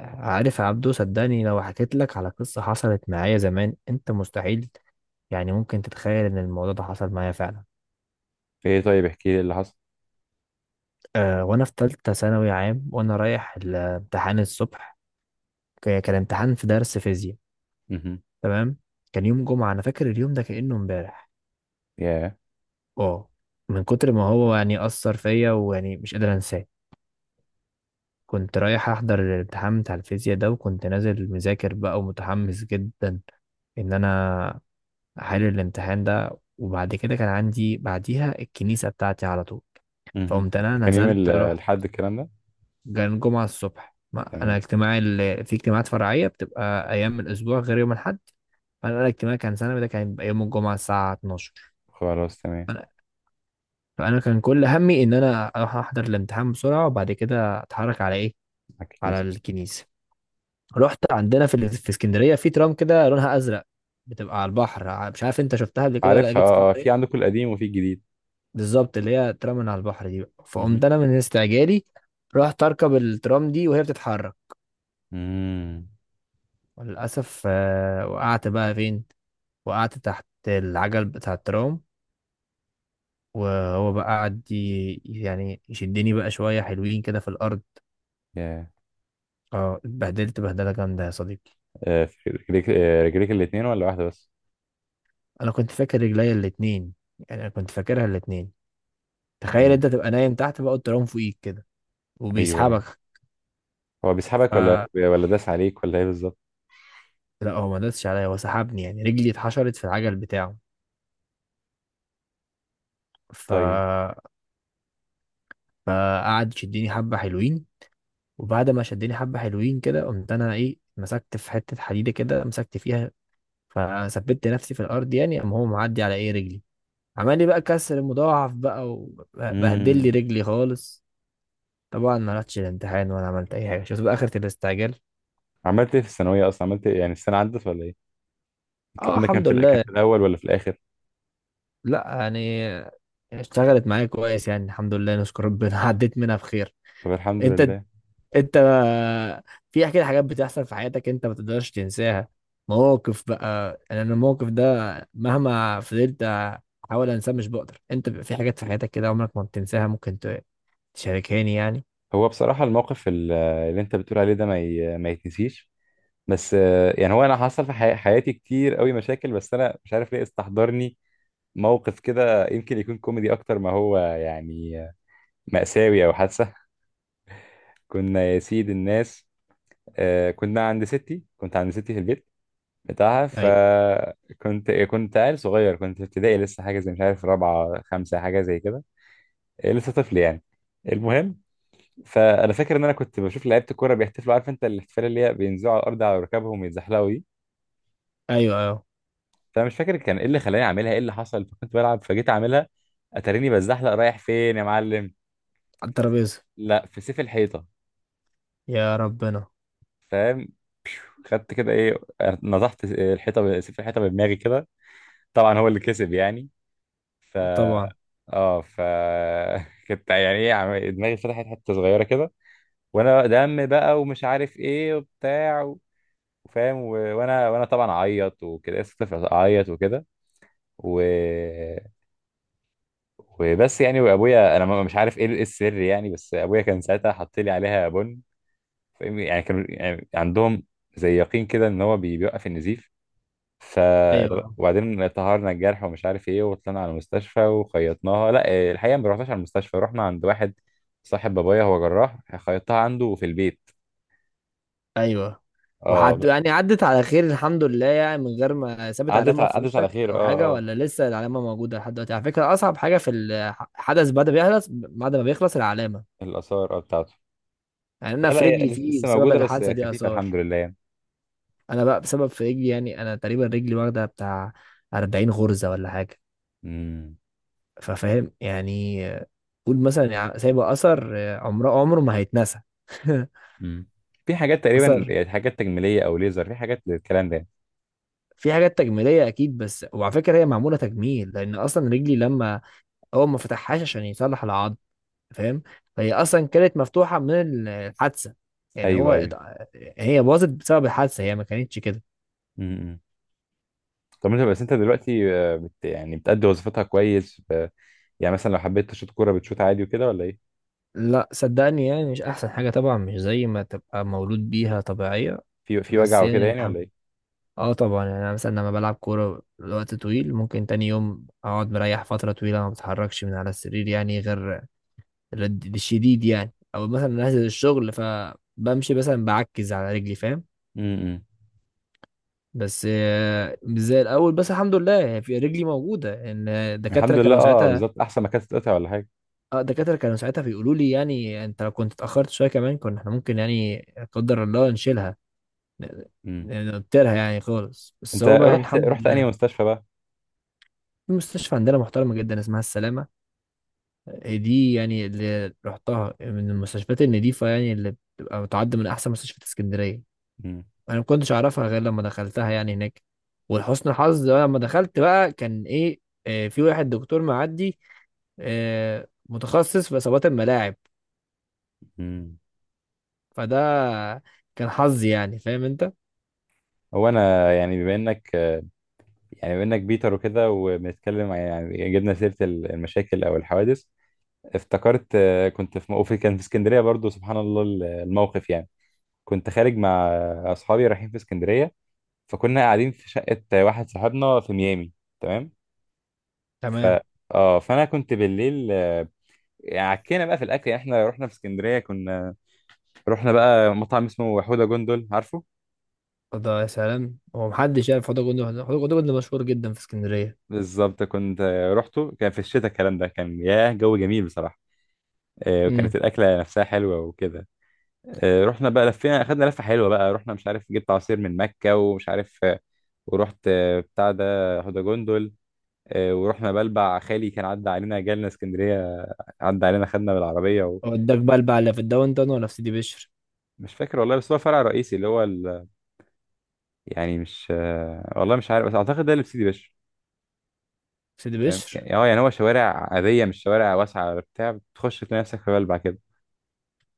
عارف يا عبدو، صدقني لو حكيت لك على قصة حصلت معايا زمان انت مستحيل يعني ممكن تتخيل ان الموضوع ده حصل معايا فعلا. في ايه؟ طيب، احكي لي اللي حصل. أه، وانا في تالتة ثانوي عام وانا رايح الامتحان الصبح. كان امتحان في درس فيزياء. مهم. تمام. كان يوم جمعة، انا فاكر اليوم ده كأنه امبارح. ياه. اه، من كتر ما هو يعني أثر فيا ويعني مش قادر انساه. كنت رايح احضر الامتحان بتاع الفيزياء ده وكنت نازل مذاكر بقى ومتحمس جدا ان انا حل الامتحان ده. وبعد كده كان عندي بعديها الكنيسة بتاعتي على طول. مهم. فقمت أنا كان يوم ال- نزلت رحت. الحد الكلام ده؟ كان الجمعة الصبح، ما أنا تمام. اجتماعي اللي في اجتماعات فرعية بتبقى أيام الأسبوع غير يوم الأحد. فأنا الاجتماع كان سنة ده كان يبقى يوم الجمعة الساعة 12. خلاص، تمام. فأنا, فأنا كان كل همي إن أنا أروح أحضر الامتحان بسرعة وبعد كده أتحرك على إيه، على على الكنيسة. الكنيسة. رحت عندنا في اسكندرية في ترام كده لونها أزرق، بتبقى على البحر، مش عارف أنت شفتها قبل كده ولا عارفها، جيت اه. في اسكندرية. عندكم القديم وفي الجديد. بالظبط اللي هي ترى من على البحر دي بقى. فقمت مهم. انا من استعجالي رحت اركب الترام دي وهي بتتحرك. مم. وللاسف آه، وقعت بقى فين؟ وقعت تحت العجل بتاع الترام. وهو بقى قعد يعني يشدني بقى شويه حلوين كده في الارض. ياه. اه، اتبهدلت بهدله جامده يا صديقي. في رجليك، رجليك الاتنين ولا واحدة بس؟ انا كنت فاكر رجليا الاتنين، يعني انا كنت فاكرها الاتنين. تخيل مم. انت تبقى نايم تحت بقى الترام فوقيك كده ايوه، ايوه. وبيسحبك. هو ف بيسحبك ولا، ولا داس عليك ولا ايه بالظبط؟ لا، هو ما دسش عليا، هو سحبني يعني رجلي اتحشرت في العجل بتاعه. ف طيب. فقعد يشدني حبة حلوين. وبعد ما شدني حبة حلوين كده قمت انا ايه مسكت في حتة حديدة كده مسكت فيها. فثبت نفسي في الارض، يعني قام هو معدي على ايه رجلي. عمل لي بقى كسر مضاعف بقى وبهدل لي مم. رجلي خالص. طبعا ما رحتش الامتحان ولا عملت اي حاجة. شفت بقى اخرة الاستعجال. عملت ايه في الثانوية اصلا؟ عملت ايه يعني، السنة عدت ولا ايه؟ اه الكلام ده كان الحمد في الأ- كان لله. في الاول ولا في الاخر؟ لا يعني اشتغلت معايا كويس يعني الحمد لله نشكر ربنا عديت منها بخير. طب الحمد انت لله. انت في كده حاجات بتحصل في حياتك انت ما تقدرش تنساها. مواقف بقى. يعني انا الموقف ده مهما فضلت احاول انساه مش بقدر. انت بيبقى في حاجات في حياتك كده عمرك ما بتنساها. ممكن تشاركهاني يعني. هو بصراحة الموقف اللي انت بتقول عليه ده ما يتنسيش، بس يعني هو انا حصل في حياتي كتير قوي مشاكل، بس انا مش عارف ليه استحضرني موقف كده. يمكن يكون كوميدي اكتر ما هو يعني مأساوي او حادثة. كنا يا سيد الناس، كنا عند ستي كنت عند ستي في البيت بتاعها. ايوه، فكنت عيل صغير، كنت في ابتدائي لسه، حاجة زي مش عارف رابعة خمسة، حاجة زي كده. لسه طفل يعني. المهم، فانا فاكر ان انا كنت بشوف لعيبه الكوره بيحتفلوا. عارف انت الاحتفال اللي هي بينزلوا على الارض على ركبهم ويتزحلقوا. ايوه، ايوه، فانا مش فاكر كان ايه اللي خلاني اعملها، ايه اللي حصل، فكنت بلعب فجيت اعملها. اتاريني بزحلق رايح فين يا معلم؟ على الترابيزه. لا، في سيف الحيطه. يا ربنا. فاهم؟ خدت كده ايه، نزحت الحيطه سيف الحيطه بدماغي كده. طبعا هو اللي كسب يعني. ف طبعا. اه ف كنت يعني ايه، دماغي فتحت حته صغيره كده، وانا دم بقى ومش عارف ايه وبتاع وفاهم، وانا طبعا اعيط وكده، لسه طفل، اعيط وكده. و وبس يعني، وابويا انا مش عارف ايه، إيه السر يعني، بس ابويا كان ساعتها حط لي عليها بن. فاهم؟ يعني كانوا يعني عندهم زي يقين كده ان هو بيوقف النزيف. ف ايوه، وبعدين طهرنا الجرح ومش عارف ايه وطلعنا على المستشفى وخيطناها. لا إيه، الحقيقه ما رحناش على المستشفى، رحنا عند واحد صاحب بابايا هو جراح، خيطتها عنده في البيت. ايوه. اه. وحد يعني عدت على خير الحمد لله يعني، من غير ما سابت عدت علامه ع- في عدت على وشك خير، او اه، حاجه، اه. ولا لسه العلامه موجوده لحد دلوقتي؟ على فكره اصعب حاجه في الحدث بعد ما بيخلص، بعد ما بيخلص العلامه. الاثار بتاعته. يعني لا، انا لا، في هي رجلي لس- فيه لسه بسبب موجوده بس الحادثه دي خفيفه، الحمد اثار. لله يعني. انا بقى بسبب في رجلي، يعني انا تقريبا رجلي واخده بتاع 40 غرزه ولا حاجه. امم. ففاهم يعني آه، قول مثلا سايبه اثر آه، عمره ما هيتنسى مم. في حاجات تقريبا اثر. يعني، حاجات تجميليه او ليزر، في حاجات للكلام ده؟ في حاجات تجميليه اكيد، بس وعلى فكره هي معموله تجميل، لان اصلا رجلي لما اول ما فتحهاش عشان يصلح العظم فاهم. فهي اصلا كانت مفتوحه من الحادثه. يعني هو ايوه، ات-، ايوه. هي باظت بسبب الحادثه هي ما كانتش كده. مم. طب انت دلوقتي بت يعني بتأدي وظيفتها كويس يعني مثلا لو حبيت تشوط كوره بتشوط عادي وكده ولا ايه؟ لا صدقني، يعني مش احسن حاجة طبعا، مش زي ما تبقى مولود بيها طبيعية. في وجع بس وكده يعني يعني ولا الحمد. ايه؟ اه طبعا، يعني انا مثلا لما بلعب كورة لوقت طويل ممكن تاني يوم اقعد مريح فترة طويلة ما بتحركش من على السرير، يعني غير الشديد يعني. او مثلا انزل الشغل فبمشي مثلا بعكز على رجلي فاهم. امم. بس آه، مش زي الاول. بس الحمد لله يعني في رجلي موجودة، ان الدكاترة الحمد لله، كانوا اه ساعتها. بالظبط، احسن ما كانت تتقطع ولا حاجه. اه الدكاترة كانوا ساعتها بيقولوا لي يعني انت لو كنت اتأخرت شوية كمان كنا احنا ممكن يعني لا قدر الله نشيلها، امم. نطيرها يعني خالص. بس انت هو بقى يعني رحت الحمد رحت انهي لله. مستشفى بقى؟ في مستشفى عندنا محترمة جدا اسمها السلامة. آه، دي يعني اللي رحتها من المستشفيات النظيفة، يعني اللي بتبقى بتعد من أحسن مستشفيات اسكندرية. امم، أنا ما كنتش أعرفها غير لما دخلتها يعني هناك. ولحسن الحظ بقى لما دخلت بقى كان إيه آه، في واحد دكتور معدي آه، متخصص في إصابات الملاعب. امم. فده كان حظي يعني، فاهم أنت؟ هو انا يعني بما انك، يعني بما انك بيتر وكده، وبنتكلم يعني جبنا سيره المشاكل او الحوادث، افتكرت كنت في موقف كان في اسكندريه برضو، سبحان الله، الموقف يعني، كنت خارج مع اصحابي رايحين في اسكندريه. فكنا قاعدين في شقه واحد صاحبنا في ميامي. تمام. ف تمام. اه، فانا كنت بالليل، يعني عكينا بقى في الاكل، يعني احنا رحنا في اسكندريه، كنا رحنا بقى مطعم اسمه حوده جندل، عارفه؟ فده يا سلام، هو محدش يعرف حوض الجندي؟ حوض الجندي مشهور جدا في اسكندرية. بالظبط، كنت رحته، كان في الشتاء الكلام ده، كان ياه، جو جميل بصراحه. وكانت الاكله نفسها حلوه وكده. رحنا بقى لفينا، اخدنا لفه حلوه بقى، رحنا مش عارف جبت عصير من مكه ومش عارف، ورحت بتاع ده هدى جندل. ورحنا بلبع، خالي كان عدى علينا جالنا اسكندريه، عدى علينا خدنا بالعربيه. وداك بلبع اللي في الداون تاون ولا في سيدي بشر؟ ومش فاكر والله، بس هو فرع رئيسي اللي هو يعني مش، والله مش عارف، بس اعتقد ده اللي في سيدي بشر. في سيدي تمام، بشر. يعني اه يعني هو شوارع عاديه، مش شوارع واسعه ولا بتاع، بتخش تلاقي نفسك في بلبع كده،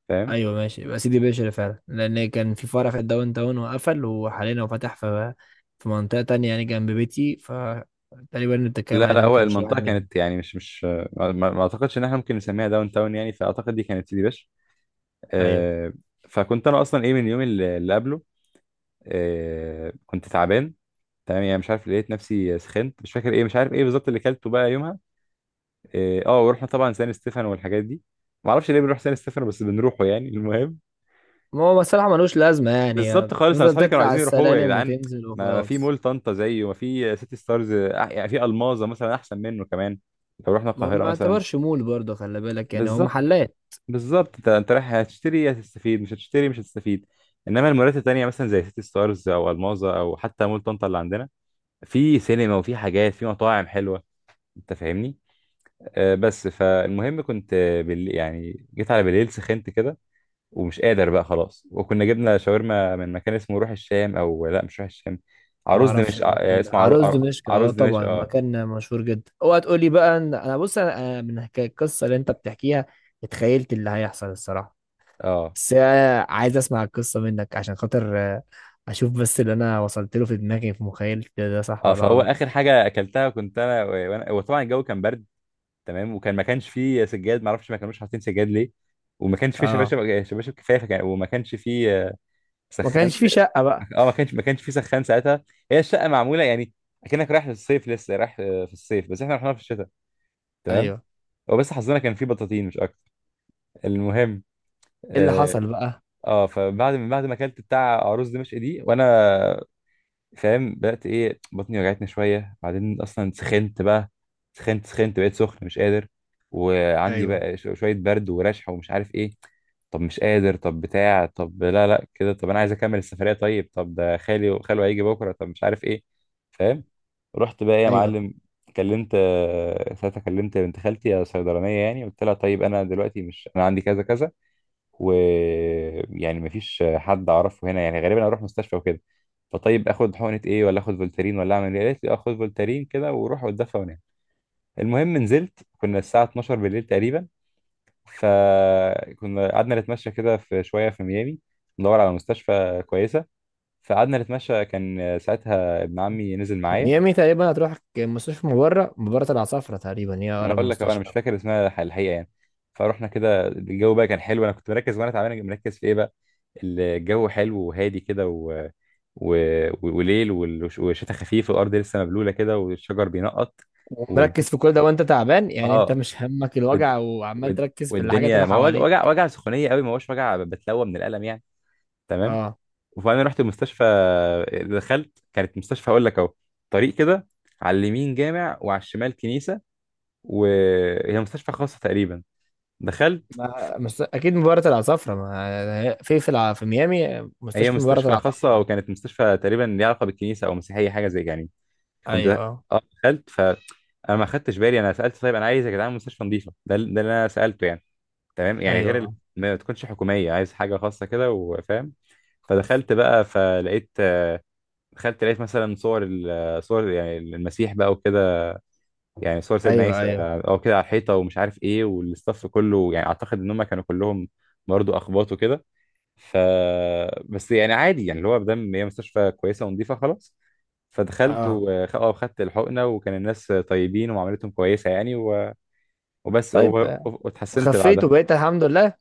فاهم؟ ايوه ماشي، يبقى سيدي بشر فعلا لان كان في فرع في الداون تاون وقفل، وحاليا هو فتح في في منطقه تانية يعني جنب بيتي، فتقريبا اللي لا، بتتكلم عليه ده لا، ما هو كانش واحد المنطقه منهم. كانت يعني، مش ما اعتقدش ان احنا ممكن نسميها داون تاون يعني، فاعتقد دي كانت سيدي بشر. ايوه. آه. فكنت انا اصلا ايه من اليوم اللي قبله كنت تعبان. تمام، يعني مش عارف، لقيت نفسي سخنت، مش فاكر ايه، مش عارف ايه بالظبط اللي كلته بقى يومها. ورحنا طبعا سان ستيفانو والحاجات دي. ما اعرفش ليه بنروح سان ستيفانو، بس بنروحه يعني. المهم، ما هو الصراحه ملوش لازمه، يعني بالظبط خالص، انا تفضل اصحابي كانوا تطلع على عايزين يروحوه يا السلالم جدعان. وتنزل ما في وخلاص. مول طنطا زيه، وما في سيتي ستارز، يعني في الماظه مثلا احسن منه كمان، لو رحنا ما القاهره ما مثلا. يعتبرش مول برضه، خلي بالك يعني هو بالظبط، محلات. بالظبط، انت رايح هتشتري يا هتستفيد، مش هتشتري مش هتستفيد. انما المولات التانية مثلا زي سيتي ستارز او الماظة، او حتى مول طنطا اللي عندنا، في سينما وفي حاجات، في مطاعم حلوه. انت فاهمني؟ بس فالمهم كنت، يعني جيت على بالليل سخنت كده، ومش قادر بقى خلاص. وكنا جبنا شاورما من مكان اسمه روح الشام، او لا مش روح الشام، ما عروس اعرفش دمشق. المكان ده. اسمه عرو... عروس عر- دمشق، عروس اه دمشق، طبعا اه، مكان مشهور جدا. اوعى تقول لي بقى ان انا، بص انا من حكاية القصه اللي انت بتحكيها اتخيلت اللي هيحصل الصراحه. اه، بس أنا عايز اسمع القصه منك عشان خاطر آه، اشوف بس اللي انا وصلت له في دماغي في مخيلتي ده صح اه. ولا فهو غلط. اخر حاجه اكلتها كنت انا، وانا وطبعا الجو كان برد. تمام، وكان ما كانش فيه سجاد، ما اعرفش ما كانوش حاطين سجاد ليه، وما كانش فيه اه، شباشب، كفايه فكان، وما كانش فيه ما سخان. كانش في شقه بقى. اه، ما كانش فيه سخان ساعتها. هي الشقه معموله يعني اكنك رايح للصيف، لسه رايح في الصيف، بس احنا رحنا في الشتاء. تمام. ايوه، هو بس حظنا كان فيه بطاطين، مش اكتر. المهم، ايه اللي اه، حصل بقى؟ فبعد من بعد ما اكلت بتاع عروس دمشق دي، وانا فاهم، بدأت ايه، بطني وجعتني شوية. بعدين اصلا سخنت بقى، سخنت، بقيت سخن مش قادر. وعندي ايوه، بقى شوية برد ورشح ومش عارف ايه. طب مش قادر، طب بتاع، طب لا لا كده، طب انا عايز اكمل السفرية، طيب، طب ده خالي وخاله هيجي بكرة، طب مش عارف ايه. فاهم؟ رحت بقى ايه يا ايوه. معلم، كلمت آه، ساعتها كلمت بنت خالتي الصيدلانية. يعني قلت لها طيب انا دلوقتي مش انا عندي كذا كذا، ويعني مفيش حد اعرفه هنا يعني، غالبا اروح مستشفى وكده. فطيب اخد حقنه ايه، ولا اخد فولتارين، ولا اعمل ايه؟ قالت لي اخد فولتارين كده وروح واتدفى ونام. المهم، نزلت، كنا الساعه 12 بالليل تقريبا، فكنا قعدنا نتمشى كده في شويه في ميامي، ندور على مستشفى كويسه. فقعدنا نتمشى، كان ساعتها ابن عمي نزل معايا. ميامي تقريبا هتروح مستشفى مبرة، مبرة العصافرة تقريبا هي ما انا اقرب اقول لك أهو، انا مش مستشفى. فاكر اسمها الحقيقه يعني. فروحنا كده، الجو بقى كان حلو، انا كنت مركز وانا تعبان، مركز في ايه بقى، الجو حلو وهادي كده و... وليل، والشتاء خفيف، والارض لسه مبلوله كده، والشجر بينقط، والدنيا، ومركز في كل ده وانت تعبان؟ يعني انت اه، مش همك والد... الوجع وعمال والد... تركز في الحاجات اللي والدنيا، ما هو وجع، حواليك. وجع، وجع، سخونيه قوي، ما هوش وجع بتلوى من الالم يعني. تمام. اه. وبعدين رحت المستشفى، دخلت، كانت مستشفى اقول لك اهو، طريق كده، على اليمين جامع وعلى الشمال كنيسه. وهي مستشفى خاصه تقريبا. دخلت. ف- ما مست-، اكيد مباراة العصافرة. ما-، في الع-، في ميامي هي مستشفى مباراة مستشفى خاصة، العصافرة. وكانت مستشفى تقريبا ليها علاقة بالكنيسة، أو مسيحية حاجة زي يعني. كنت ايوه، دخ- اه، اه، دخلت، فأنا ما خدتش بالي، أنا سألت طيب أنا عايز يا جدعان مستشفى نظيفة، ده اللي أنا سألته يعني، تمام يعني، ايوه، غير آه. ما تكونش حكومية، عايز حاجة خاصة كده، وفاهم. فدخلت بقى، فلقيت دخلت لقيت مثلا صور صور يعني المسيح بقى وكده، يعني صور سيدنا ايوه، عيسى، ايوه، او كده، على الحيطة، ومش عارف ايه. والاستاف كله، يعني اعتقد ان هم كانوا كلهم برضه اخباط وكده. ف بس يعني عادي يعني، اللي هو مادام هي مستشفى كويسه ونظيفه، خلاص. فدخلت اه. وخدت الحقنه، وكان الناس طيبين ومعاملتهم كويسه يعني، وبس، طيب آه. واتحسنت خفيت بعدها. وبقيت الحمد لله؟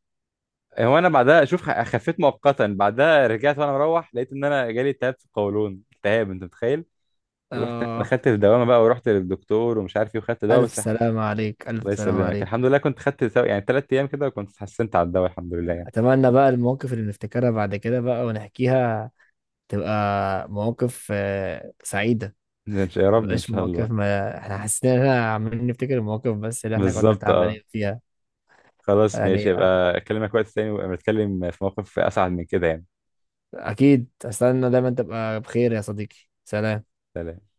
هو انا بعدها اشوف، خفيت مؤقتا، بعدها رجعت وانا مروح، لقيت ان انا جالي التهاب في القولون. التهاب، انت متخيل؟ ورحت اه. خدت الدوامه بقى، ورحت للدكتور ومش عارف ايه، وخدت دواء الف بس. سلامة عليك، الله الف سلامة يسلمك، عليك. الحمد لله، كنت خدت يعني 3 ايام كده، وكنت اتحسنت على الدواء، الحمد لله يعني. اتمنى بقى المواقف اللي نفتكرها بعد كده بقى ونحكيها تبقى مواقف آه، سعيدة. يا رب ان مبقاش شاء مواقف الله. ما احنا حاسين ان احنا عمالين نفتكر المواقف بس اللي احنا كنا بالظبط، اه. تعبانين فيها. خلاص ماشي، يعني آه، يبقى اكلمك وقت تاني ونتكلم في موقف اسعد من كده يعني. اكيد استنى. دايما تبقى بخير يا صديقي، سلام. سلام.